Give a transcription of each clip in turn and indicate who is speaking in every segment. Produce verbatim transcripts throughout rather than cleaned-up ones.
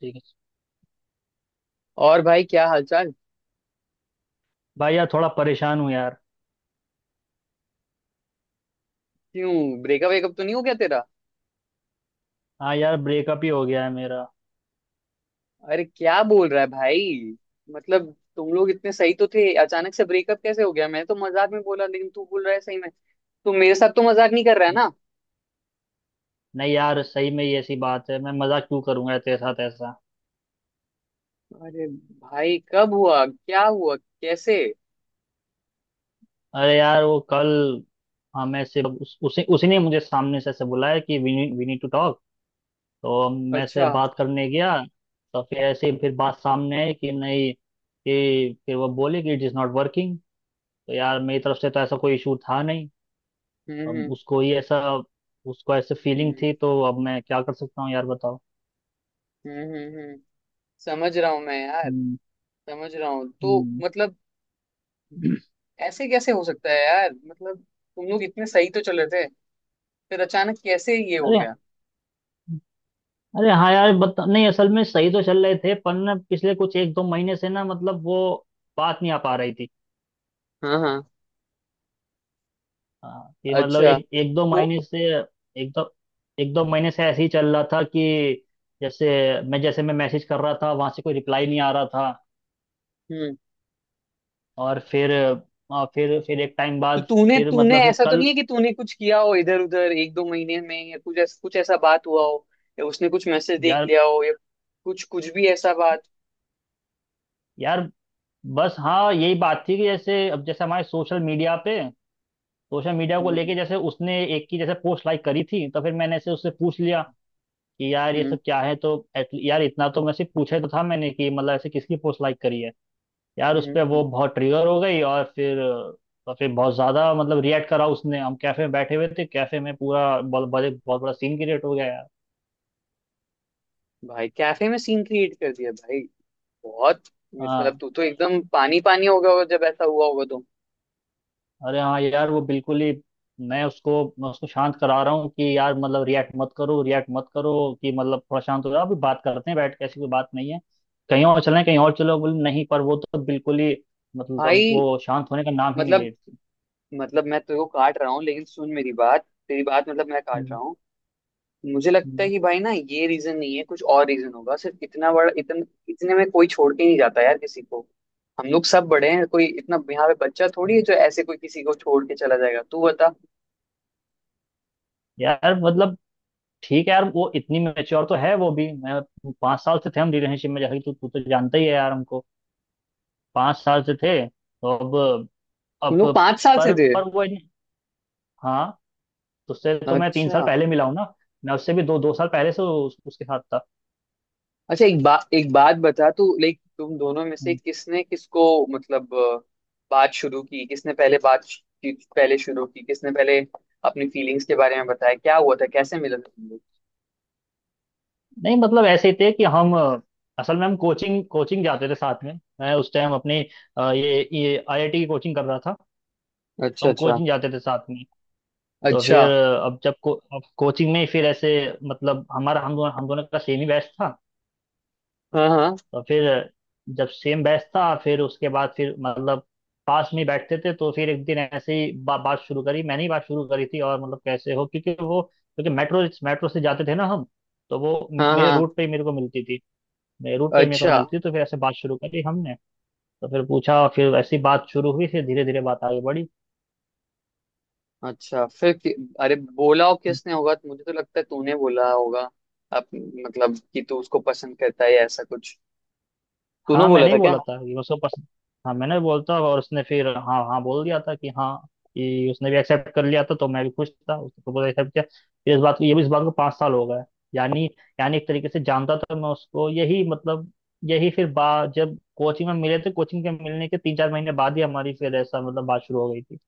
Speaker 1: ठीक है।
Speaker 2: और भाई क्या हालचाल?
Speaker 1: भाई यार थोड़ा परेशान हूँ यार।
Speaker 2: क्यों? ब्रेकअप वेकअप तो नहीं हो गया तेरा?
Speaker 1: हाँ यार, ब्रेकअप ही हो गया है मेरा।
Speaker 2: अरे क्या बोल रहा है भाई? मतलब तुम लोग इतने सही तो थे, अचानक से ब्रेकअप कैसे हो गया। मैं तो मजाक में बोला लेकिन तू बोल रहा है सही में। तू मेरे साथ तो मजाक नहीं कर रहा है
Speaker 1: न-
Speaker 2: ना?
Speaker 1: नहीं यार, सही में ये ऐसी बात है। मैं मजाक क्यों करूंगा तेरे साथ ऐसा।
Speaker 2: अरे भाई कब हुआ, क्या हुआ, कैसे?
Speaker 1: अरे यार, वो कल हमें से उस, उसी उसी ने मुझे सामने से ऐसे बुलाया कि we we need to talk. तो मैं से
Speaker 2: अच्छा।
Speaker 1: बात करने गया। तो फिर ऐसे ही फिर बात सामने आई कि नहीं, कि फिर वो बोले कि इट इज़ नॉट वर्किंग। तो यार मेरी तरफ से तो ऐसा कोई इशू था नहीं। अब
Speaker 2: हम्म
Speaker 1: उसको ही ऐसा उसको ऐसे फीलिंग
Speaker 2: हम्म
Speaker 1: थी, तो अब मैं क्या कर सकता हूँ यार, बताओ।
Speaker 2: हम्म हम्म हम्म, हम्म। समझ रहा हूँ मैं यार।
Speaker 1: हम्म।
Speaker 2: समझ रहा हूँ, तो
Speaker 1: हम्म।
Speaker 2: मतलब ऐसे कैसे हो सकता है यार, मतलब तुम लोग इतने सही तो चल रहे थे, फिर अचानक कैसे ये हो
Speaker 1: अरे
Speaker 2: गया?
Speaker 1: अरे हाँ यार, बता नहीं, असल में सही तो चल रहे थे पर ना पिछले कुछ एक दो महीने से ना मतलब वो बात नहीं आ पा रही थी।
Speaker 2: हाँ हाँ।
Speaker 1: हाँ, कि मतलब
Speaker 2: अच्छा।
Speaker 1: एक एक दो
Speaker 2: तो
Speaker 1: महीने से। एक दो एक दो महीने से ऐसे ही चल रहा था कि जैसे मैं जैसे मैं मैसेज कर रहा था वहां से कोई रिप्लाई नहीं आ रहा था।
Speaker 2: हम्म।
Speaker 1: और फिर और फिर फिर एक टाइम
Speaker 2: तो
Speaker 1: बाद
Speaker 2: तूने
Speaker 1: फिर
Speaker 2: तूने
Speaker 1: मतलब फिर
Speaker 2: ऐसा तो नहीं
Speaker 1: कल
Speaker 2: है कि तूने कुछ किया हो इधर उधर एक दो महीने में, या कुछ ऐसा कुछ ऐसा बात हुआ हो, या उसने कुछ मैसेज देख
Speaker 1: यार,
Speaker 2: लिया हो, या कुछ कुछ भी ऐसा बात?
Speaker 1: यार बस हाँ यही बात थी कि जैसे अब जैसे हमारे सोशल मीडिया पे सोशल मीडिया को
Speaker 2: हम्म
Speaker 1: लेके जैसे उसने एक की जैसे पोस्ट लाइक करी थी, तो फिर मैंने ऐसे उससे पूछ लिया कि यार ये
Speaker 2: हम्म
Speaker 1: सब क्या है। तो at- यार इतना तो मैं सिर्फ पूछे तो था मैंने कि मतलब ऐसे किसकी पोस्ट लाइक करी है। यार
Speaker 2: हम्म
Speaker 1: उस पे वो
Speaker 2: हम्म।
Speaker 1: बहुत ट्रिगर हो गई। और फिर और फिर बहुत ज्यादा मतलब रिएक्ट करा उसने। हम कैफे में बैठे हुए थे, कैफे में पूरा बहुत बहुत बहुत बड़ा सीन क्रिएट हो गया यार।
Speaker 2: भाई कैफे में सीन क्रिएट कर दिया भाई? बहुत। मतलब
Speaker 1: हाँ।
Speaker 2: तू तो एकदम पानी पानी हो गया होगा जब ऐसा हुआ होगा तो।
Speaker 1: अरे हाँ यार, वो बिल्कुल ही। मैं उसको मैं उसको शांत करा रहा हूँ कि यार मतलब रिएक्ट मत करो, रिएक्ट मत करो, कि मतलब थोड़ा शांत हो जाओ, अभी बात करते हैं बैठ के, ऐसी कोई बात नहीं है, कहीं और चलें, कहीं और चलो, बोले नहीं, पर वो तो बिल्कुल ही मतलब
Speaker 2: भाई,
Speaker 1: वो शांत होने का नाम ही नहीं
Speaker 2: मतलब
Speaker 1: ले रही थी।
Speaker 2: मतलब मैं तेरे को काट रहा हूँ लेकिन सुन मेरी बात, तेरी बात मतलब मैं काट
Speaker 1: हम्म,
Speaker 2: रहा हूँ। मुझे लगता है
Speaker 1: हम्म,
Speaker 2: कि भाई ना ये रीजन नहीं है, कुछ और रीजन होगा। सिर्फ इतना बड़ा इतन, इतने में कोई छोड़ के नहीं जाता यार किसी को। हम लोग सब बड़े हैं, कोई इतना यहाँ पे बच्चा थोड़ी है
Speaker 1: हम्म।
Speaker 2: जो ऐसे कोई किसी को छोड़ के चला जाएगा। तू बता,
Speaker 1: यार मतलब ठीक है यार, वो इतनी मेच्योर तो है वो भी। मैं पाँच साल से थे हम रिलेशनशिप में, जैसे कि तू तू तो जानता ही है यार हमको, पाँच साल से थे, तो अब
Speaker 2: तुम
Speaker 1: अब
Speaker 2: लोग पांच साल से
Speaker 1: पर
Speaker 2: थे?
Speaker 1: पर वो इन- हाँ। तो उससे तो मैं तीन साल
Speaker 2: अच्छा
Speaker 1: पहले मिला हूँ ना। मैं उससे भी दो दो साल पहले से उस, उसके साथ था।
Speaker 2: अच्छा। एक बात एक बात बता, तू लाइक तुम दोनों में से
Speaker 1: हम्म।
Speaker 2: किसने किसको मतलब अ, बात शुरू की किसने पहले, बात श- की- पहले शुरू की किसने, पहले अपनी फीलिंग्स के बारे में बताया, क्या हुआ था, कैसे मिला था तुम लोग?
Speaker 1: नहीं मतलब ऐसे ही थे कि हम अ, असल में हम कोचिंग कोचिंग जाते थे साथ में। मैं उस टाइम अपनी अ, ये ये आईआईटी की कोचिंग कर रहा था। तो
Speaker 2: अच्छा
Speaker 1: हम
Speaker 2: अच्छा।
Speaker 1: कोचिंग जाते थे साथ में। तो
Speaker 2: अच्छा।
Speaker 1: फिर अ, अब जब को, अब कोचिंग में फिर ऐसे मतलब हमारा हम दोनों हम दोनों का सेम ही बैच था।
Speaker 2: हाँ हाँ।
Speaker 1: तो फिर जब सेम बैच था फिर उसके बाद फिर मतलब पास में ही बैठते थे। तो फिर एक दिन ऐसे ही बा, बात शुरू करी, मैंने ही बात शुरू करी थी। और मतलब कैसे हो, क्योंकि वो क्योंकि मेट्रो मेट्रो से जाते थे ना हम, तो वो
Speaker 2: हाँ
Speaker 1: मेरे
Speaker 2: हाँ।
Speaker 1: रूट पे ही मेरे को मिलती थी। मेरे रूट पे ही मेरे को
Speaker 2: अच्छा।
Speaker 1: मिलती थी तो फिर ऐसे बात शुरू करी हमने। तो फिर पूछा, फिर ऐसी बात शुरू हुई, फिर धीरे धीरे बात आगे बढ़ी।
Speaker 2: अच्छा फिर कि, अरे बोला हो किसने होगा तो मुझे तो लगता है तूने बोला होगा। आप मतलब कि तू उसको पसंद करता है या ऐसा कुछ, तूने
Speaker 1: हाँ
Speaker 2: बोला
Speaker 1: मैंने ही
Speaker 2: था क्या?
Speaker 1: बोला था कि उसको पसंद। हाँ मैंने बोलता, और उसने फिर हाँ हाँ बोल दिया था कि हाँ, कि उसने भी एक्सेप्ट कर लिया था। तो मैं भी खुश था, उसने प्रपोजल एक्सेप्ट किया। फिर इस बात को ये भी इस बात को पाँच साल हो गए। यानी यानी एक तरीके से जानता था मैं उसको। यही मतलब यही फिर बा जब कोचिंग में मिले थे, कोचिंग के मिलने के तीन चार महीने बाद ही हमारी फिर ऐसा मतलब बात शुरू हो गई थी।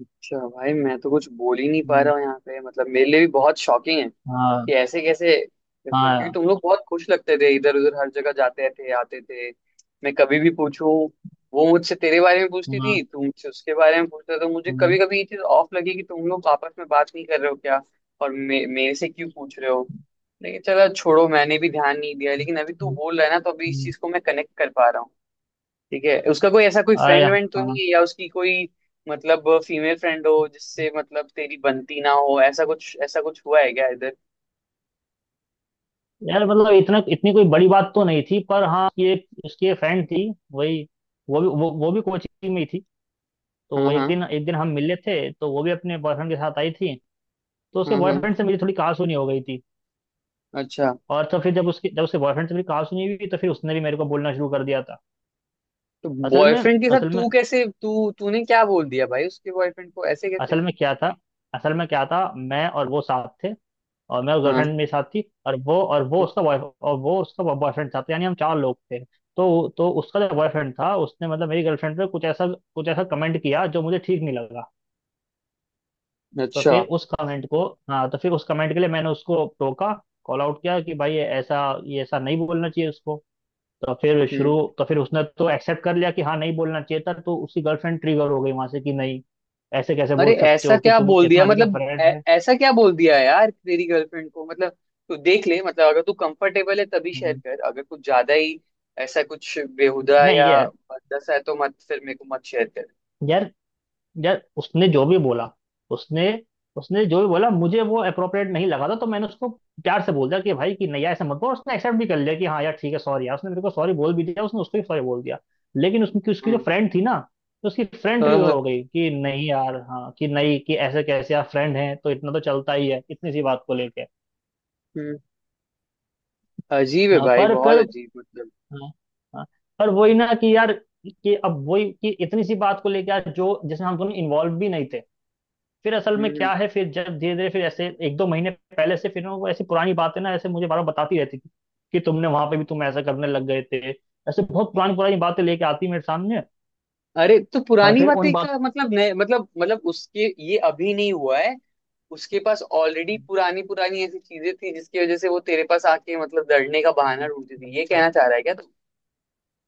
Speaker 2: अच्छा भाई, मैं तो कुछ बोल ही नहीं पा
Speaker 1: हम्म,
Speaker 2: रहा हूँ यहाँ पे, मतलब मेरे लिए भी बहुत शॉकिंग है कि
Speaker 1: हाँ
Speaker 2: ऐसे कैसे। क्योंकि
Speaker 1: हाँ
Speaker 2: तुम लोग बहुत खुश लगते थे, इधर उधर हर जगह जाते थे आते थे। मैं कभी भी पूछूं, वो मुझसे तेरे बारे में पूछती
Speaker 1: हाँ,
Speaker 2: थी, तू मुझसे उसके बारे में पूछता था, तो मुझे
Speaker 1: हम्म,
Speaker 2: कभी कभी ये चीज ऑफ लगी कि तुम लोग आपस में बात नहीं कर रहे हो क्या, और मे, मेरे से क्यों पूछ रहे हो। लेकिन चलो छोड़ो, मैंने भी ध्यान नहीं दिया। लेकिन अभी तू
Speaker 1: हम्म,
Speaker 2: बोल रहा है ना, तो अभी इस
Speaker 1: हम्म,
Speaker 2: चीज को मैं कनेक्ट कर पा रहा हूँ। ठीक है, उसका कोई ऐसा कोई
Speaker 1: अरे
Speaker 2: फ्रेंड वेंड तो
Speaker 1: हाँ
Speaker 2: नहीं है या उसकी कोई मतलब फीमेल फ्रेंड हो जिससे मतलब तेरी बनती ना हो, ऐसा कुछ ऐसा कुछ हुआ है क्या इधर?
Speaker 1: यार मतलब इतना इतनी कोई बड़ी बात तो नहीं थी, पर हाँ, ये उसकी एक फ्रेंड थी, वही, वो भी वो, वो भी कोचिंग में ही थी।
Speaker 2: हाँ
Speaker 1: तो एक
Speaker 2: हाँ।
Speaker 1: दिन एक दिन हम मिले थे तो वो भी अपने बॉयफ्रेंड के साथ आई थी। तो उसके
Speaker 2: हम्म हम्म।
Speaker 1: बॉयफ्रेंड से मेरी थोड़ी कहासुनी हो गई थी।
Speaker 2: अच्छा।
Speaker 1: और तो फिर जब उसकी जब उसके बॉयफ्रेंड से मेरी कहासुनी हुई, तो फिर उसने भी मेरे को बोलना शुरू कर दिया था।
Speaker 2: तो
Speaker 1: असल में
Speaker 2: बॉयफ्रेंड के साथ
Speaker 1: असल में
Speaker 2: तू कैसे, तू तूने क्या बोल दिया भाई उसके बॉयफ्रेंड को, ऐसे कैसे?
Speaker 1: असल में क्या था, असल में क्या था मैं और वो साथ थे, और मैं उस गर्लफ्रेंड
Speaker 2: हाँ।
Speaker 1: मेरे साथ थी, और वो और वो उसका बॉय और वो उसका बॉयफ्रेंड था, तो यानी हम चार लोग थे। तो तो उसका जो बॉयफ्रेंड था उसने मतलब मेरी गर्लफ्रेंड पे कुछ ऐसा कुछ ऐसा कमेंट किया जो मुझे ठीक नहीं लगा। तो
Speaker 2: अच्छा।
Speaker 1: फिर उस कमेंट को, हाँ, तो फिर उस कमेंट के लिए मैंने उसको टोका, कॉल आउट किया कि भाई ये ऐसा ये ऐसा नहीं बोलना चाहिए उसको। तो फिर
Speaker 2: हम्म।
Speaker 1: शुरू तो फिर उसने तो एक्सेप्ट कर लिया कि हाँ नहीं बोलना चाहिए था। तो उसकी गर्लफ्रेंड ट्रिगर हो गई वहां से कि नहीं ऐसे कैसे बोल
Speaker 2: अरे
Speaker 1: सकते
Speaker 2: ऐसा
Speaker 1: हो कि
Speaker 2: क्या
Speaker 1: तुम
Speaker 2: बोल दिया
Speaker 1: इतना भी का
Speaker 2: मतलब ऐ,
Speaker 1: फ्रेंड है।
Speaker 2: ऐसा क्या बोल दिया यार तेरी गर्लफ्रेंड को, मतलब तू देख ले, मतलब अगर तू कंफर्टेबल है तभी शेयर
Speaker 1: हम्म,
Speaker 2: कर, अगर कुछ ज्यादा ही ऐसा कुछ बेहुदा
Speaker 1: नहीं
Speaker 2: या
Speaker 1: है।
Speaker 2: भद्दा है तो मत फिर, मेरे को मत शेयर कर।
Speaker 1: यार उसने जो भी बोला, उसने उसने जो भी बोला, मुझे वो अप्रोप्रिएट नहीं लगा था, तो मैंने उसको प्यार से बोल दिया कि भाई कि नहीं यार ऐसा मत बोल। उसने एक्सेप्ट भी कर लिया कि हाँ यार ठीक है सॉरी यार। उसने मेरे को सॉरी बोल भी दिया, उसने उसको भी सॉरी बोल दिया। लेकिन उसकी उसकी जो
Speaker 2: हम्म।
Speaker 1: फ्रेंड थी ना, तो उसकी फ्रेंड
Speaker 2: हाँ
Speaker 1: ट्रिगर
Speaker 2: हाँ।
Speaker 1: हो गई कि नहीं यार हाँ कि नहीं कि ऐसे कैसे यार, फ्रेंड है तो इतना तो चलता ही है इतनी सी बात को लेके।
Speaker 2: हम्म। अजीब है
Speaker 1: हाँ,
Speaker 2: भाई,
Speaker 1: पर
Speaker 2: बहुत
Speaker 1: फिर
Speaker 2: अजीब, मतलब।
Speaker 1: हाँ, हाँ, पर वही ना कि यार कि अब वही कि इतनी सी बात को लेके यार, जो जिसमें हम दोनों इन्वॉल्व भी नहीं थे। फिर असल
Speaker 2: हम्म
Speaker 1: में
Speaker 2: हम्म।
Speaker 1: क्या है, फिर जब धीरे धीरे फिर ऐसे एक दो महीने पहले से फिर ना, वो ऐसी पुरानी बातें ना ऐसे मुझे बार बार बताती रहती थी कि तुमने वहां पे भी तुम ऐसा करने लग गए थे। ऐसे बहुत पुरानी पुरानी बातें लेके आती मेरे सामने।
Speaker 2: अरे तो
Speaker 1: और
Speaker 2: पुरानी
Speaker 1: फिर उन
Speaker 2: बातें
Speaker 1: बात,
Speaker 2: का मतलब नए मतलब मतलब उसके ये अभी नहीं हुआ है, उसके पास ऑलरेडी पुरानी पुरानी ऐसी चीजें थी जिसकी वजह से वो तेरे पास आके मतलब लड़ने का बहाना ढूंढती थी, ये कहना चाह रहा है क्या तू?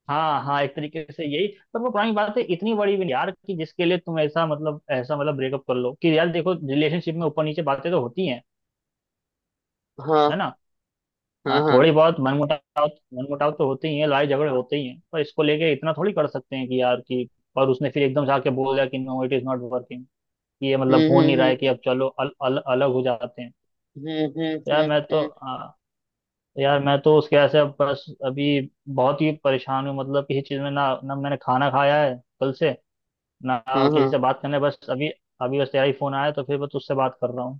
Speaker 1: हाँ हाँ, एक तरीके से यही। पर वो पुरानी बातें इतनी बड़ी भी नहीं यार कि जिसके लिए तुम ऐसा मतलब ऐसा मतलब ब्रेकअप कर लो कि यार देखो रिलेशनशिप में ऊपर नीचे बातें तो होती हैं, है
Speaker 2: हाँ
Speaker 1: ना।
Speaker 2: हाँ।
Speaker 1: हाँ
Speaker 2: हाँ।
Speaker 1: थोड़ी बहुत मनमुटाव, मनमुटाव तो होते ही है, लड़ाई झगड़े होते ही हैं, पर इसको लेके इतना थोड़ी कर सकते हैं कि यार कि। और उसने फिर एकदम से आके बोल दिया कि no it is not working, कि ये मतलब
Speaker 2: हम्म
Speaker 1: हो नहीं
Speaker 2: हम्म
Speaker 1: रहा है, कि
Speaker 2: हम्म
Speaker 1: अब चलो अल, अल, अलग हो जाते हैं।
Speaker 2: हम्म हम्म
Speaker 1: यार
Speaker 2: हम्म
Speaker 1: मैं तो
Speaker 2: हम्म,
Speaker 1: आ, यार मैं तो उसके ऐसे अब बस अभी बहुत ही परेशान हूँ, मतलब किसी चीज़ में ना, ना मैंने खाना खाया है कल से, ना
Speaker 2: हाँ हाँ।
Speaker 1: किसी से बात करने बस अभी अभी बस तेरा ही फोन आया तो फिर बस उससे बात कर रहा हूँ।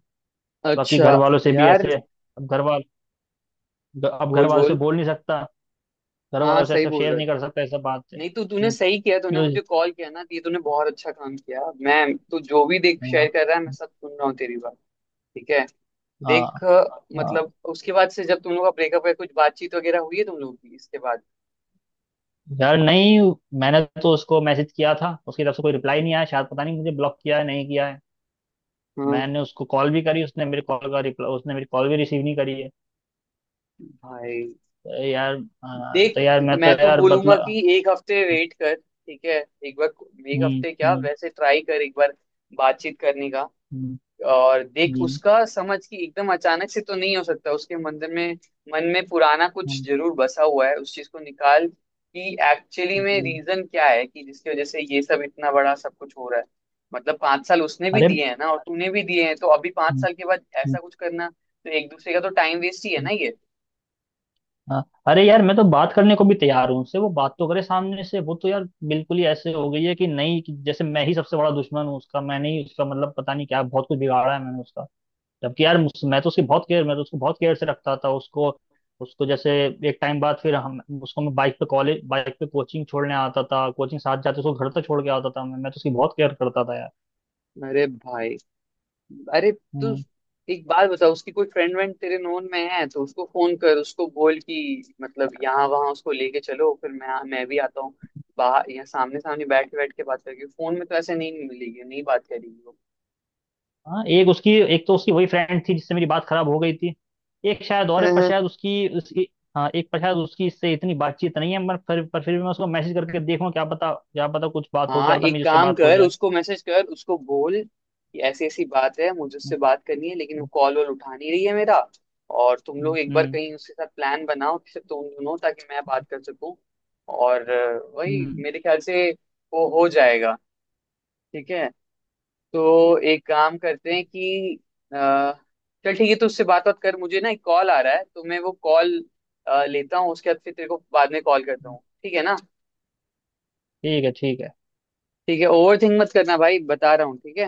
Speaker 1: बाकी
Speaker 2: अच्छा
Speaker 1: घर वालों से भी
Speaker 2: यार,
Speaker 1: ऐसे अब घर वाल अब घर
Speaker 2: बोल
Speaker 1: वालों से
Speaker 2: बोल।
Speaker 1: बोल नहीं सकता, घर
Speaker 2: हाँ,
Speaker 1: वालों से
Speaker 2: सही
Speaker 1: सब
Speaker 2: बोल
Speaker 1: शेयर
Speaker 2: रहा
Speaker 1: नहीं
Speaker 2: था।
Speaker 1: कर सकते सब बात से।
Speaker 2: नहीं, तो तूने
Speaker 1: हम्म,
Speaker 2: सही किया, तूने
Speaker 1: यूज,
Speaker 2: मुझे कॉल किया ना तो ये तूने बहुत अच्छा काम किया। मैं तू जो भी देख
Speaker 1: हाँ,
Speaker 2: शेयर कर रहा है मैं सब सुन रहा हूँ तेरी बात। ठीक है।
Speaker 1: हाँ,
Speaker 2: देख,
Speaker 1: हाँ।
Speaker 2: मतलब उसके बाद से जब तुम लोग का ब्रेकअप है, कुछ बातचीत वगैरह हुई है तुम लोग की इसके बाद?
Speaker 1: यार नहीं, मैंने तो उसको मैसेज किया था, उसकी तरफ से कोई रिप्लाई नहीं आया, शायद पता नहीं मुझे ब्लॉक किया है नहीं किया है।
Speaker 2: हाँ।
Speaker 1: मैंने उसको कॉल भी करी, उसने मेरी कॉल का रिप्लाई उसने मेरी कॉल भी रिसीव नहीं करी है।
Speaker 2: भाई,
Speaker 1: तो यार हाँ, तो
Speaker 2: देख,
Speaker 1: यार मैं तो
Speaker 2: मैं तो
Speaker 1: यार बदला।
Speaker 2: बोलूंगा कि एक हफ्ते वेट कर। ठीक है? एक बार, एक
Speaker 1: हम्म
Speaker 2: हफ्ते क्या,
Speaker 1: हम्म
Speaker 2: वैसे ट्राई कर एक बार बातचीत करने का।
Speaker 1: हम्म,
Speaker 2: और देख
Speaker 1: हम्म,
Speaker 2: उसका समझ कि एकदम अचानक से तो नहीं हो सकता, उसके मंदिर में, मन में पुराना कुछ
Speaker 1: हम्म,
Speaker 2: जरूर बसा हुआ है। उस चीज को निकाल कि एक्चुअली में
Speaker 1: हम्म।
Speaker 2: रीजन क्या है कि जिसकी वजह से ये सब इतना बड़ा सब कुछ हो रहा है। मतलब पांच साल उसने भी
Speaker 1: अरे
Speaker 2: दिए हैं ना और तूने भी दिए हैं, तो अभी पांच
Speaker 1: हम्म,
Speaker 2: साल के बाद
Speaker 1: हम्म,
Speaker 2: ऐसा कुछ करना तो एक दूसरे का तो टाइम वेस्ट ही है ना ये।
Speaker 1: हाँ, अरे यार मैं तो बात करने को भी तैयार हूँ उससे, वो बात तो करे सामने से। वो तो यार बिल्कुल ही ऐसे हो गई है कि नहीं कि जैसे मैं ही सबसे बड़ा दुश्मन हूँ उसका, मैंने ही उसका मतलब पता नहीं क्या बहुत कुछ बिगाड़ा है मैंने उसका। जबकि यार मुझ- मैं तो उसकी बहुत केयर, मैं तो उसको बहुत केयर से रखता था। उसको उसको जैसे एक टाइम बाद फिर हम उसको मैं बाइक पे कॉलेज बाइक पे कोचिंग छोड़ने आता था, कोचिंग साथ जाते, उसको घर तक छोड़ के आता था। मैं मैं तो उसकी बहुत केयर करता था
Speaker 2: अरे भाई। अरे तू,
Speaker 1: यार।
Speaker 2: एक बात बता, उसकी कोई फ्रेंड वेंड तेरे नोन में है तो उसको फोन कर, उसको बोल कि मतलब यहाँ वहाँ उसको लेके चलो, फिर मैं मैं भी आता हूँ बाहर। यहाँ सामने सामने बैठ के बैठ के बात करेगी, फोन में तो ऐसे नहीं मिलेगी, नहीं बात करेगी
Speaker 1: हाँ एक उसकी, एक तो उसकी वही फ्रेंड थी जिससे मेरी बात खराब हो गई थी। एक शायद और है, पर
Speaker 2: वो।
Speaker 1: शायद उसकी उसकी, हाँ एक, पर शायद उसकी इससे इतनी बातचीत नहीं है, पर फिर पर फिर भी मैं उसको मैसेज करके देखूँ, क्या पता क्या पता कुछ बात हो, क्या
Speaker 2: हाँ,
Speaker 1: पता
Speaker 2: एक
Speaker 1: मेरी उससे
Speaker 2: काम
Speaker 1: बात हो
Speaker 2: कर,
Speaker 1: जाए।
Speaker 2: उसको मैसेज कर, उसको बोल कि ऐसी ऐसी बात है, मुझे
Speaker 1: हम्म,
Speaker 2: उससे बात करनी है लेकिन वो कॉल वॉल उठा नहीं रही है मेरा। और तुम
Speaker 1: हम्म,
Speaker 2: लोग एक बार
Speaker 1: हम्म,
Speaker 2: कहीं उसके साथ प्लान बनाओ कि सिर्फ तुम दोनों, ताकि मैं बात कर सकूं। और अ, वही
Speaker 1: हम्म,
Speaker 2: मेरे ख्याल से वो हो जाएगा। ठीक है। तो एक काम करते हैं कि अ, चल ठीक है, तो उससे बात बात कर। मुझे ना एक कॉल आ रहा है तो मैं वो कॉल लेता हूँ, उसके बाद फिर तेरे को बाद में कॉल करता
Speaker 1: हम्म।
Speaker 2: हूँ, ठीक है ना?
Speaker 1: ठीक है ठीक है।
Speaker 2: ठीक है। ओवर थिंक मत करना भाई बता रहा हूँ, ठीक है?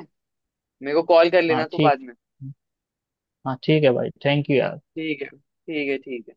Speaker 2: मेरे को कॉल कर
Speaker 1: हाँ
Speaker 2: लेना तू
Speaker 1: ठीक,
Speaker 2: बाद में।
Speaker 1: हाँ ठीक है भाई, थैंक यू यार।
Speaker 2: ठीक है ठीक है ठीक है।